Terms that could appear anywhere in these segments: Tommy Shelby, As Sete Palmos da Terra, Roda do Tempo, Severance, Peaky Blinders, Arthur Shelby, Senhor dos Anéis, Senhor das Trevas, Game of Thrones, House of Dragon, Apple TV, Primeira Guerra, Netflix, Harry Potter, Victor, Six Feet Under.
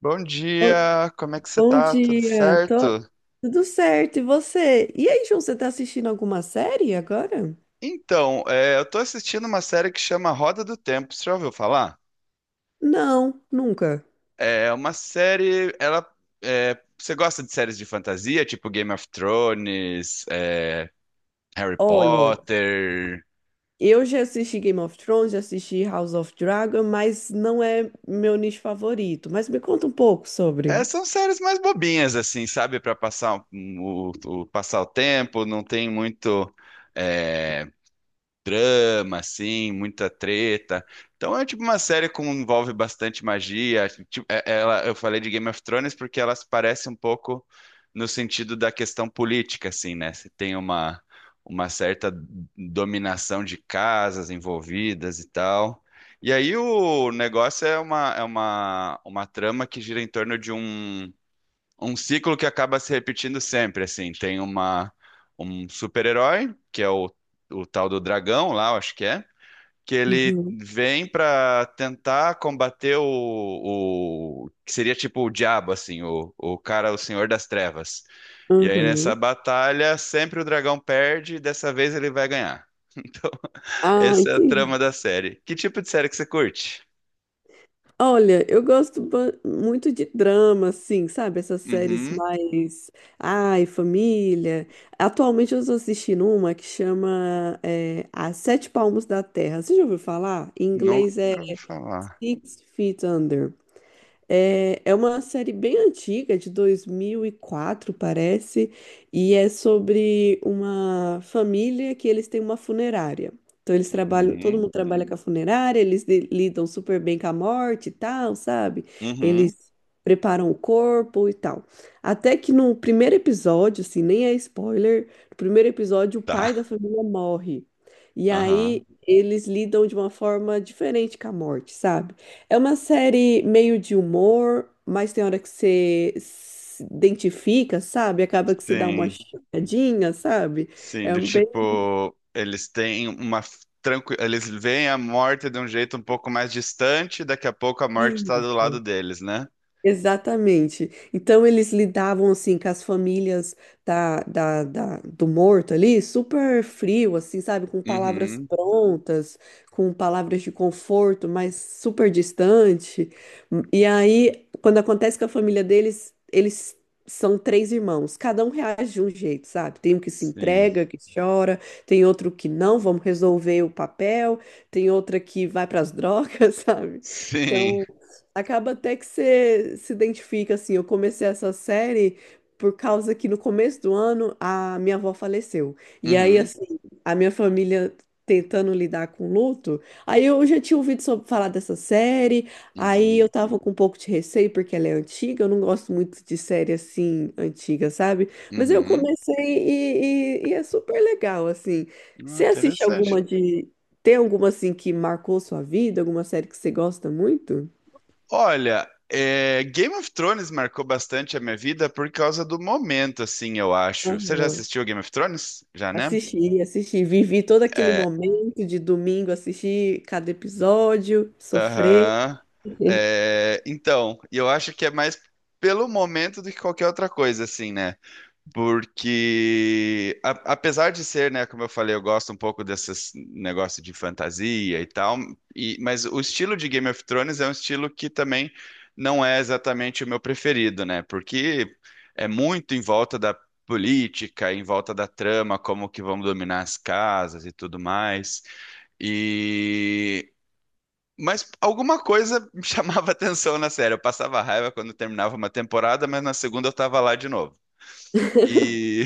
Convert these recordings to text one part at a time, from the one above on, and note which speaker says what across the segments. Speaker 1: Bom
Speaker 2: Oi,
Speaker 1: dia, como é que você
Speaker 2: bom
Speaker 1: tá? Tudo
Speaker 2: dia.
Speaker 1: certo?
Speaker 2: Tudo certo, e você? E aí, João, você tá assistindo alguma série agora?
Speaker 1: Então, eu tô assistindo uma série que chama Roda do Tempo, você já ouviu falar?
Speaker 2: Não, nunca.
Speaker 1: É uma série, ela, você gosta de séries de fantasia, tipo Game of Thrones, Harry
Speaker 2: Olha,
Speaker 1: Potter?
Speaker 2: eu já assisti Game of Thrones, já assisti House of Dragon, mas não é meu nicho favorito. Mas me conta um pouco
Speaker 1: É,
Speaker 2: sobre.
Speaker 1: são séries mais bobinhas, assim, sabe? Pra passar passar o tempo, não tem muito, é, drama, assim, muita treta. Então é tipo uma série que envolve bastante magia. Tipo, ela, eu falei de Game of Thrones porque elas parecem um pouco no sentido da questão política, assim, né? Se tem uma certa dominação de casas envolvidas e tal. E aí o negócio é uma trama que gira em torno de um ciclo que acaba se repetindo sempre, assim. Tem uma um super-herói, que é o tal do dragão lá, eu acho que é, que ele
Speaker 2: Uhum,
Speaker 1: vem pra tentar combater o que seria tipo o diabo, assim, o cara, o Senhor das Trevas. E aí nessa
Speaker 2: uhum.
Speaker 1: batalha, sempre o dragão perde, e dessa vez ele vai ganhar. Então,
Speaker 2: Ah,
Speaker 1: essa é a trama
Speaker 2: entendi.
Speaker 1: da série. Que tipo de série que você curte?
Speaker 2: Olha, eu gosto muito de drama, assim, sabe? Essas séries
Speaker 1: Uhum,
Speaker 2: mais. Ai, família. Atualmente eu estou assistindo uma que chama As Sete Palmos da Terra. Você já ouviu falar? Em
Speaker 1: nunca
Speaker 2: inglês é
Speaker 1: ouvi falar.
Speaker 2: Six Feet Under. É, é uma série bem antiga, de 2004, parece, e é sobre uma família que eles têm uma funerária. Então eles trabalham, todo
Speaker 1: Uhum,
Speaker 2: mundo trabalha com a funerária, eles lidam super bem com a morte e tal, sabe? Eles
Speaker 1: uhum,
Speaker 2: preparam o corpo e tal. Até que no primeiro episódio, assim, nem é spoiler, no primeiro episódio o
Speaker 1: tá.
Speaker 2: pai da família morre. E
Speaker 1: Aham.
Speaker 2: aí eles lidam de uma forma diferente com a morte, sabe? É uma série meio de humor, mas tem hora que você se identifica, sabe? Acaba que você dá uma
Speaker 1: Sim,
Speaker 2: choradinha, sabe?
Speaker 1: sim,
Speaker 2: É
Speaker 1: do
Speaker 2: um bem.
Speaker 1: tipo, eles têm uma tranqui... eles veem a morte de um jeito um pouco mais distante, daqui a pouco a morte está do
Speaker 2: Isso.
Speaker 1: lado deles, né?
Speaker 2: Exatamente. Então eles lidavam assim com as famílias do morto ali, super frio, assim, sabe, com palavras
Speaker 1: Uhum.
Speaker 2: prontas, com palavras de conforto, mas super distante. E aí, quando acontece com a família deles, eles são três irmãos, cada um reage de um jeito, sabe? Tem um que se
Speaker 1: Sim.
Speaker 2: entrega, que chora, tem outro que não, vamos resolver o papel, tem outra que vai para as drogas, sabe?
Speaker 1: Sim.
Speaker 2: Então, acaba até que você se identifica, assim. Eu comecei essa série por causa que no começo do ano a minha avó faleceu. E aí,
Speaker 1: Uhum.
Speaker 2: assim, a minha família tentando lidar com o luto, aí eu já tinha ouvido falar dessa série, aí eu
Speaker 1: Uhum.
Speaker 2: tava com um pouco de receio porque ela é antiga, eu não gosto muito de série assim, antiga, sabe? Mas eu
Speaker 1: Uhum.
Speaker 2: comecei e é super legal, assim.
Speaker 1: Ah,
Speaker 2: Você assiste
Speaker 1: interessante.
Speaker 2: alguma. Tem alguma, assim, que marcou sua vida? Alguma série que você gosta muito?
Speaker 1: Olha, é, Game of Thrones marcou bastante a minha vida por causa do momento, assim, eu acho. Você já
Speaker 2: Aham.
Speaker 1: assistiu Game of Thrones? Já, né?
Speaker 2: Assisti, assisti, vivi todo aquele
Speaker 1: É,
Speaker 2: momento de domingo, assisti cada episódio, sofrer.
Speaker 1: aham. É, então, e eu acho que é mais pelo momento do que qualquer outra coisa, assim, né? Porque, apesar de ser, né, como eu falei, eu gosto um pouco desses negócio de fantasia e tal, mas o estilo de Game of Thrones é um estilo que também não é exatamente o meu preferido, né? Porque é muito em volta da política, em volta da trama, como que vamos dominar as casas e tudo mais. E mas alguma coisa me chamava atenção na série. Eu passava raiva quando terminava uma temporada, mas na segunda eu tava lá de novo. E,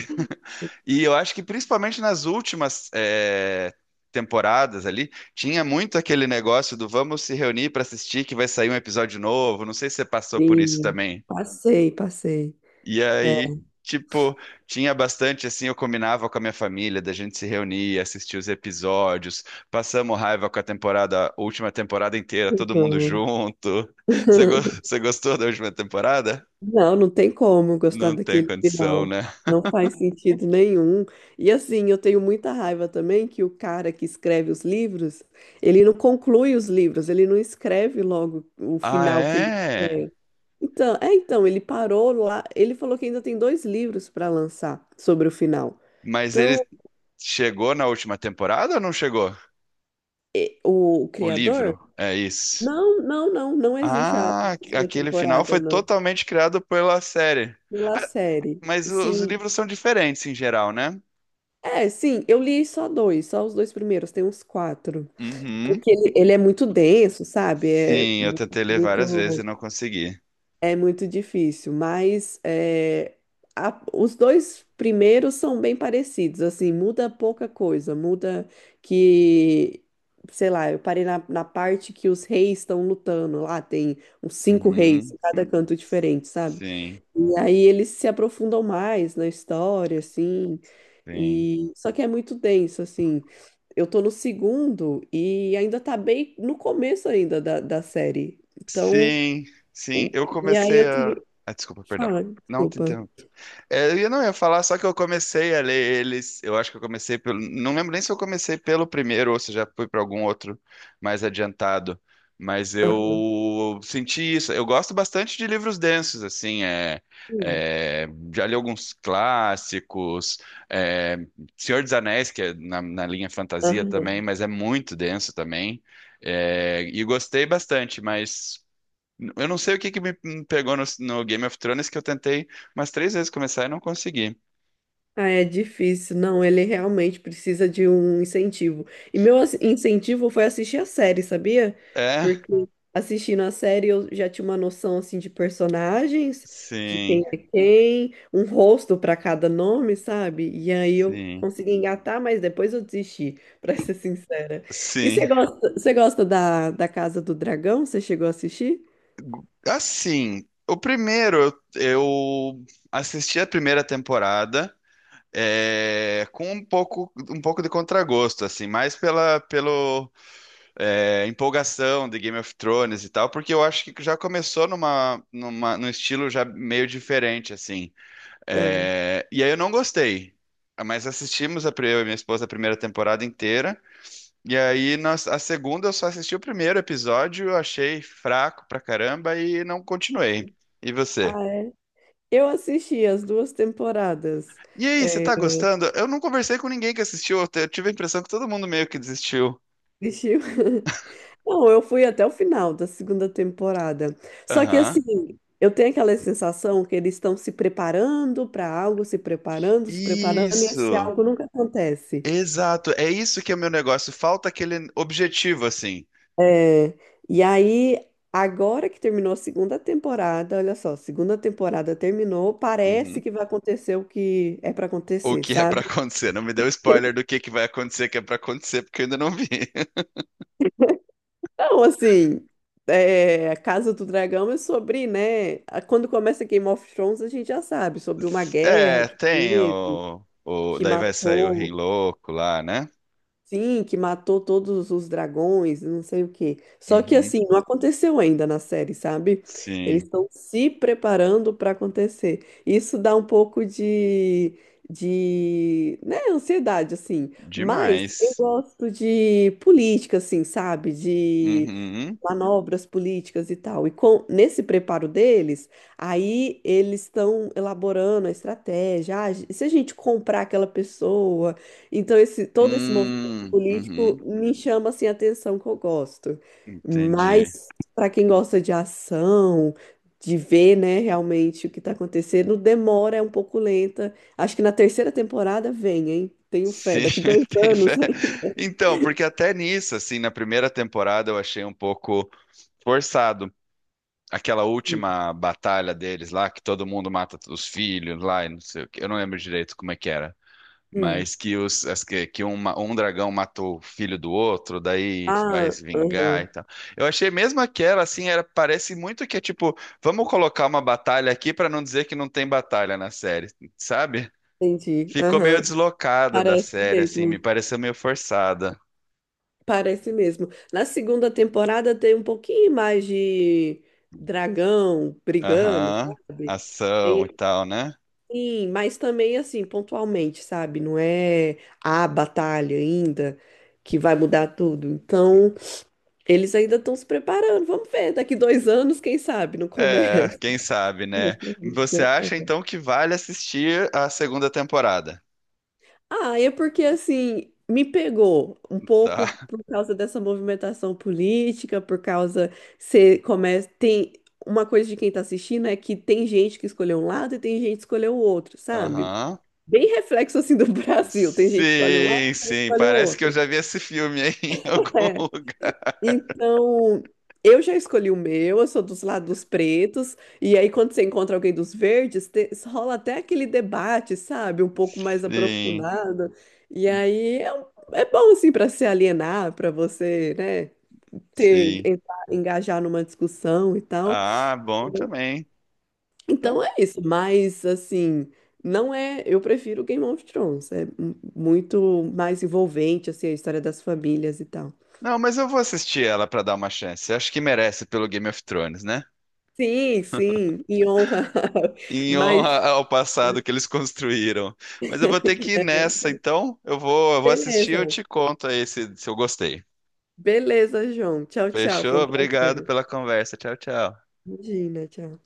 Speaker 1: e eu acho que principalmente nas últimas temporadas ali, tinha muito aquele negócio do vamos se reunir para assistir que vai sair um episódio novo. Não sei se você passou por isso
Speaker 2: Sim,
Speaker 1: também.
Speaker 2: passei, passei.
Speaker 1: E
Speaker 2: É.
Speaker 1: aí, tipo, tinha bastante assim, eu combinava com a minha família, da gente se reunir, assistir os episódios, passamos raiva com a temporada, a última temporada inteira, todo mundo
Speaker 2: Uhum.
Speaker 1: junto. Você, você gostou da última temporada?
Speaker 2: Não, não tem como gostar
Speaker 1: Não tem
Speaker 2: daquele
Speaker 1: condição,
Speaker 2: final.
Speaker 1: né?
Speaker 2: Não faz sentido nenhum. E assim, eu tenho muita raiva também que o cara que escreve os livros, ele não conclui os livros, ele não escreve logo o
Speaker 1: Ah,
Speaker 2: final que ele
Speaker 1: é?
Speaker 2: quer. Então, ele parou lá. Ele falou que ainda tem dois livros para lançar sobre o final.
Speaker 1: Mas ele
Speaker 2: Então,
Speaker 1: chegou na última temporada ou não chegou?
Speaker 2: o
Speaker 1: O
Speaker 2: criador?
Speaker 1: livro, é isso.
Speaker 2: Não, não, não, não existe a
Speaker 1: Ah,
Speaker 2: última
Speaker 1: aquele final
Speaker 2: temporada,
Speaker 1: foi
Speaker 2: não.
Speaker 1: totalmente criado pela série.
Speaker 2: Pela
Speaker 1: Ah,
Speaker 2: série.
Speaker 1: mas os
Speaker 2: Sim.
Speaker 1: livros são diferentes em geral, né?
Speaker 2: É, sim, eu li só dois, só os dois primeiros, tem uns quatro.
Speaker 1: Uhum.
Speaker 2: Porque ele é muito denso, sabe? É
Speaker 1: Sim, eu tentei ler várias vezes e
Speaker 2: muito.
Speaker 1: não consegui.
Speaker 2: É muito difícil, mas os dois primeiros são bem parecidos, assim, muda pouca coisa, muda que, sei lá, eu parei na parte que os reis estão lutando, lá tem uns cinco reis em
Speaker 1: Uhum.
Speaker 2: cada canto diferente, sabe?
Speaker 1: Sim,
Speaker 2: E aí eles se aprofundam mais na história, assim,
Speaker 1: sim.
Speaker 2: e só que é muito denso, assim. Eu tô no segundo e ainda tá bem no começo ainda da série, então.
Speaker 1: Sim, sim.
Speaker 2: o-
Speaker 1: Eu
Speaker 2: e aí
Speaker 1: comecei
Speaker 2: eu tô.
Speaker 1: a. Ah, desculpa, perdão.
Speaker 2: Fala,
Speaker 1: Não te
Speaker 2: desculpa.
Speaker 1: interrompi. É, eu não ia falar, só que eu comecei a ler eles. Eu acho que eu comecei pelo. Não lembro nem se eu comecei pelo primeiro ou se já fui para algum outro mais adiantado. Mas eu senti isso. Eu gosto bastante de livros densos, assim.
Speaker 2: Hum,
Speaker 1: É, já li alguns clássicos. é, Senhor dos Anéis, que é na linha fantasia também,
Speaker 2: aham.
Speaker 1: mas é muito denso também. E gostei bastante, mas. Eu não sei o que que me pegou no Game of Thrones que eu tentei umas 3 vezes começar e não consegui.
Speaker 2: Ah, é difícil. Não, ele realmente precisa de um incentivo. E meu incentivo foi assistir a série, sabia?
Speaker 1: É,
Speaker 2: Porque assistindo a série eu já tinha uma noção assim de personagens, de quem
Speaker 1: sim,
Speaker 2: é quem, um rosto para cada nome, sabe? E aí eu
Speaker 1: sim,
Speaker 2: consegui engatar, mas depois eu desisti, para ser sincera. E você
Speaker 1: sim.
Speaker 2: gosta, você gosta da Casa do Dragão? Você chegou a assistir?
Speaker 1: Assim, o primeiro eu assisti a primeira temporada com um pouco de contragosto, assim, mais pela pelo empolgação de Game of Thrones e tal, porque eu acho que já começou num estilo já meio diferente, assim.
Speaker 2: Ah,
Speaker 1: É, e aí eu não gostei. Mas assistimos a, eu e minha esposa a primeira temporada inteira. E aí nós, a segunda eu só assisti o primeiro episódio, eu achei fraco pra caramba e não continuei. E você?
Speaker 2: Ah, é. Eu assisti as duas temporadas.
Speaker 1: E aí, você
Speaker 2: É,
Speaker 1: tá gostando? Eu não conversei com ninguém que assistiu, eu tive a impressão que todo mundo meio que desistiu.
Speaker 2: assisti- Não, eu fui até o final da segunda temporada. Só que
Speaker 1: Aham.
Speaker 2: assim, eu tenho aquela sensação que eles estão se preparando para algo, se preparando, se preparando, e esse
Speaker 1: Isso.
Speaker 2: algo nunca acontece.
Speaker 1: Exato. É isso que é o meu negócio. Falta aquele objetivo, assim.
Speaker 2: É, e aí, agora que terminou a segunda temporada, olha só, segunda temporada terminou, parece
Speaker 1: Uhum.
Speaker 2: que vai acontecer o que é para
Speaker 1: O
Speaker 2: acontecer,
Speaker 1: que é pra
Speaker 2: sabe?
Speaker 1: acontecer? Não me deu spoiler do que vai acontecer, que é pra acontecer, porque eu ainda não vi.
Speaker 2: Então, assim, a Casa do Dragão é sobre, né? Quando começa Game of Thrones, a gente já sabe sobre uma guerra
Speaker 1: É,
Speaker 2: que
Speaker 1: tem
Speaker 2: teve,
Speaker 1: o.
Speaker 2: que
Speaker 1: Daí vai sair o Rei
Speaker 2: matou,
Speaker 1: Louco lá, né?
Speaker 2: sim, que matou todos os dragões, não sei o quê. Só que,
Speaker 1: Uhum.
Speaker 2: assim, não aconteceu ainda na série, sabe? Eles
Speaker 1: Sim,
Speaker 2: estão se preparando para acontecer. Isso dá um pouco de, né, ansiedade, assim. Mas eu
Speaker 1: demais.
Speaker 2: gosto de política, assim, sabe? De
Speaker 1: Uhum.
Speaker 2: manobras políticas e tal. E com nesse preparo deles, aí eles estão elaborando a estratégia. Ah, e se a gente comprar aquela pessoa, então esse todo esse movimento político
Speaker 1: Uhum.
Speaker 2: me chama assim a atenção que eu gosto.
Speaker 1: Entendi.
Speaker 2: Mas para quem gosta de ação, de ver, né, realmente o que está acontecendo, demora, é um pouco lenta. Acho que na terceira temporada vem, hein? Tenho fé,
Speaker 1: Sim,
Speaker 2: daqui dois
Speaker 1: tem
Speaker 2: anos.
Speaker 1: fé. Então, porque até nisso, assim, na primeira temporada eu achei um pouco forçado. Aquela
Speaker 2: Hein?
Speaker 1: última batalha deles lá, que todo mundo mata os filhos lá e não sei o quê. Eu não lembro direito como é que era.
Speaker 2: Hum.
Speaker 1: Mas que, os, as que um dragão matou o filho do outro, daí vai
Speaker 2: Ah,
Speaker 1: se vingar
Speaker 2: aham,
Speaker 1: e tal. Eu achei mesmo aquela, assim, era, parece muito que é tipo, vamos colocar uma batalha aqui pra não dizer que não tem batalha na série, sabe?
Speaker 2: entendi.
Speaker 1: Ficou meio
Speaker 2: Aham.
Speaker 1: deslocada da
Speaker 2: Parece
Speaker 1: série, assim, me
Speaker 2: mesmo.
Speaker 1: pareceu meio forçada.
Speaker 2: Parece mesmo. Na segunda temporada tem um pouquinho mais de dragão brigando,
Speaker 1: Aham,
Speaker 2: sabe?
Speaker 1: ação
Speaker 2: Tem,
Speaker 1: e tal, né?
Speaker 2: sim, mas também assim, pontualmente, sabe? Não é a batalha ainda que vai mudar tudo. Então, eles ainda estão se preparando. Vamos ver, daqui 2 anos, quem sabe, não
Speaker 1: É,
Speaker 2: começa.
Speaker 1: quem sabe, né? Você acha então que vale assistir a segunda temporada?
Speaker 2: Ah, é porque assim, me pegou um
Speaker 1: Tá.
Speaker 2: pouco por causa dessa movimentação política, por causa você começa tem uma coisa de quem tá assistindo é que tem gente que escolheu um lado e tem gente que escolheu o outro, sabe?
Speaker 1: Aham.
Speaker 2: Bem reflexo assim do Brasil, tem gente que escolhe um lado
Speaker 1: Sim,
Speaker 2: e
Speaker 1: sim.
Speaker 2: escolhe o
Speaker 1: Parece que eu
Speaker 2: outro.
Speaker 1: já vi esse filme aí em algum
Speaker 2: É,
Speaker 1: lugar.
Speaker 2: então, eu já escolhi o meu, eu sou dos lados pretos, e aí quando você encontra alguém dos verdes, rola até aquele debate, sabe? Um pouco mais
Speaker 1: Sim,
Speaker 2: aprofundado. E aí é bom, assim, para se alienar, para você, né, ter,
Speaker 1: sim.
Speaker 2: engajar numa discussão e tal.
Speaker 1: Ah, bom também.
Speaker 2: Então
Speaker 1: Então,
Speaker 2: é isso, mas assim, não é. Eu prefiro Game of Thrones, é muito mais envolvente, assim, a história das famílias e tal.
Speaker 1: não, mas eu vou assistir ela para dar uma chance. Acho que merece pelo Game of Thrones, né?
Speaker 2: Sim, sim, em honra.
Speaker 1: Em honra
Speaker 2: Mas,
Speaker 1: ao passado que eles construíram. Mas eu vou ter que ir nessa,
Speaker 2: é,
Speaker 1: então eu vou assistir e eu
Speaker 2: beleza.
Speaker 1: te conto aí se eu gostei.
Speaker 2: Beleza, João. Tchau, tchau. Foi
Speaker 1: Fechou?
Speaker 2: um
Speaker 1: Obrigado
Speaker 2: prazer.
Speaker 1: pela conversa. Tchau, tchau.
Speaker 2: Imagina, tchau.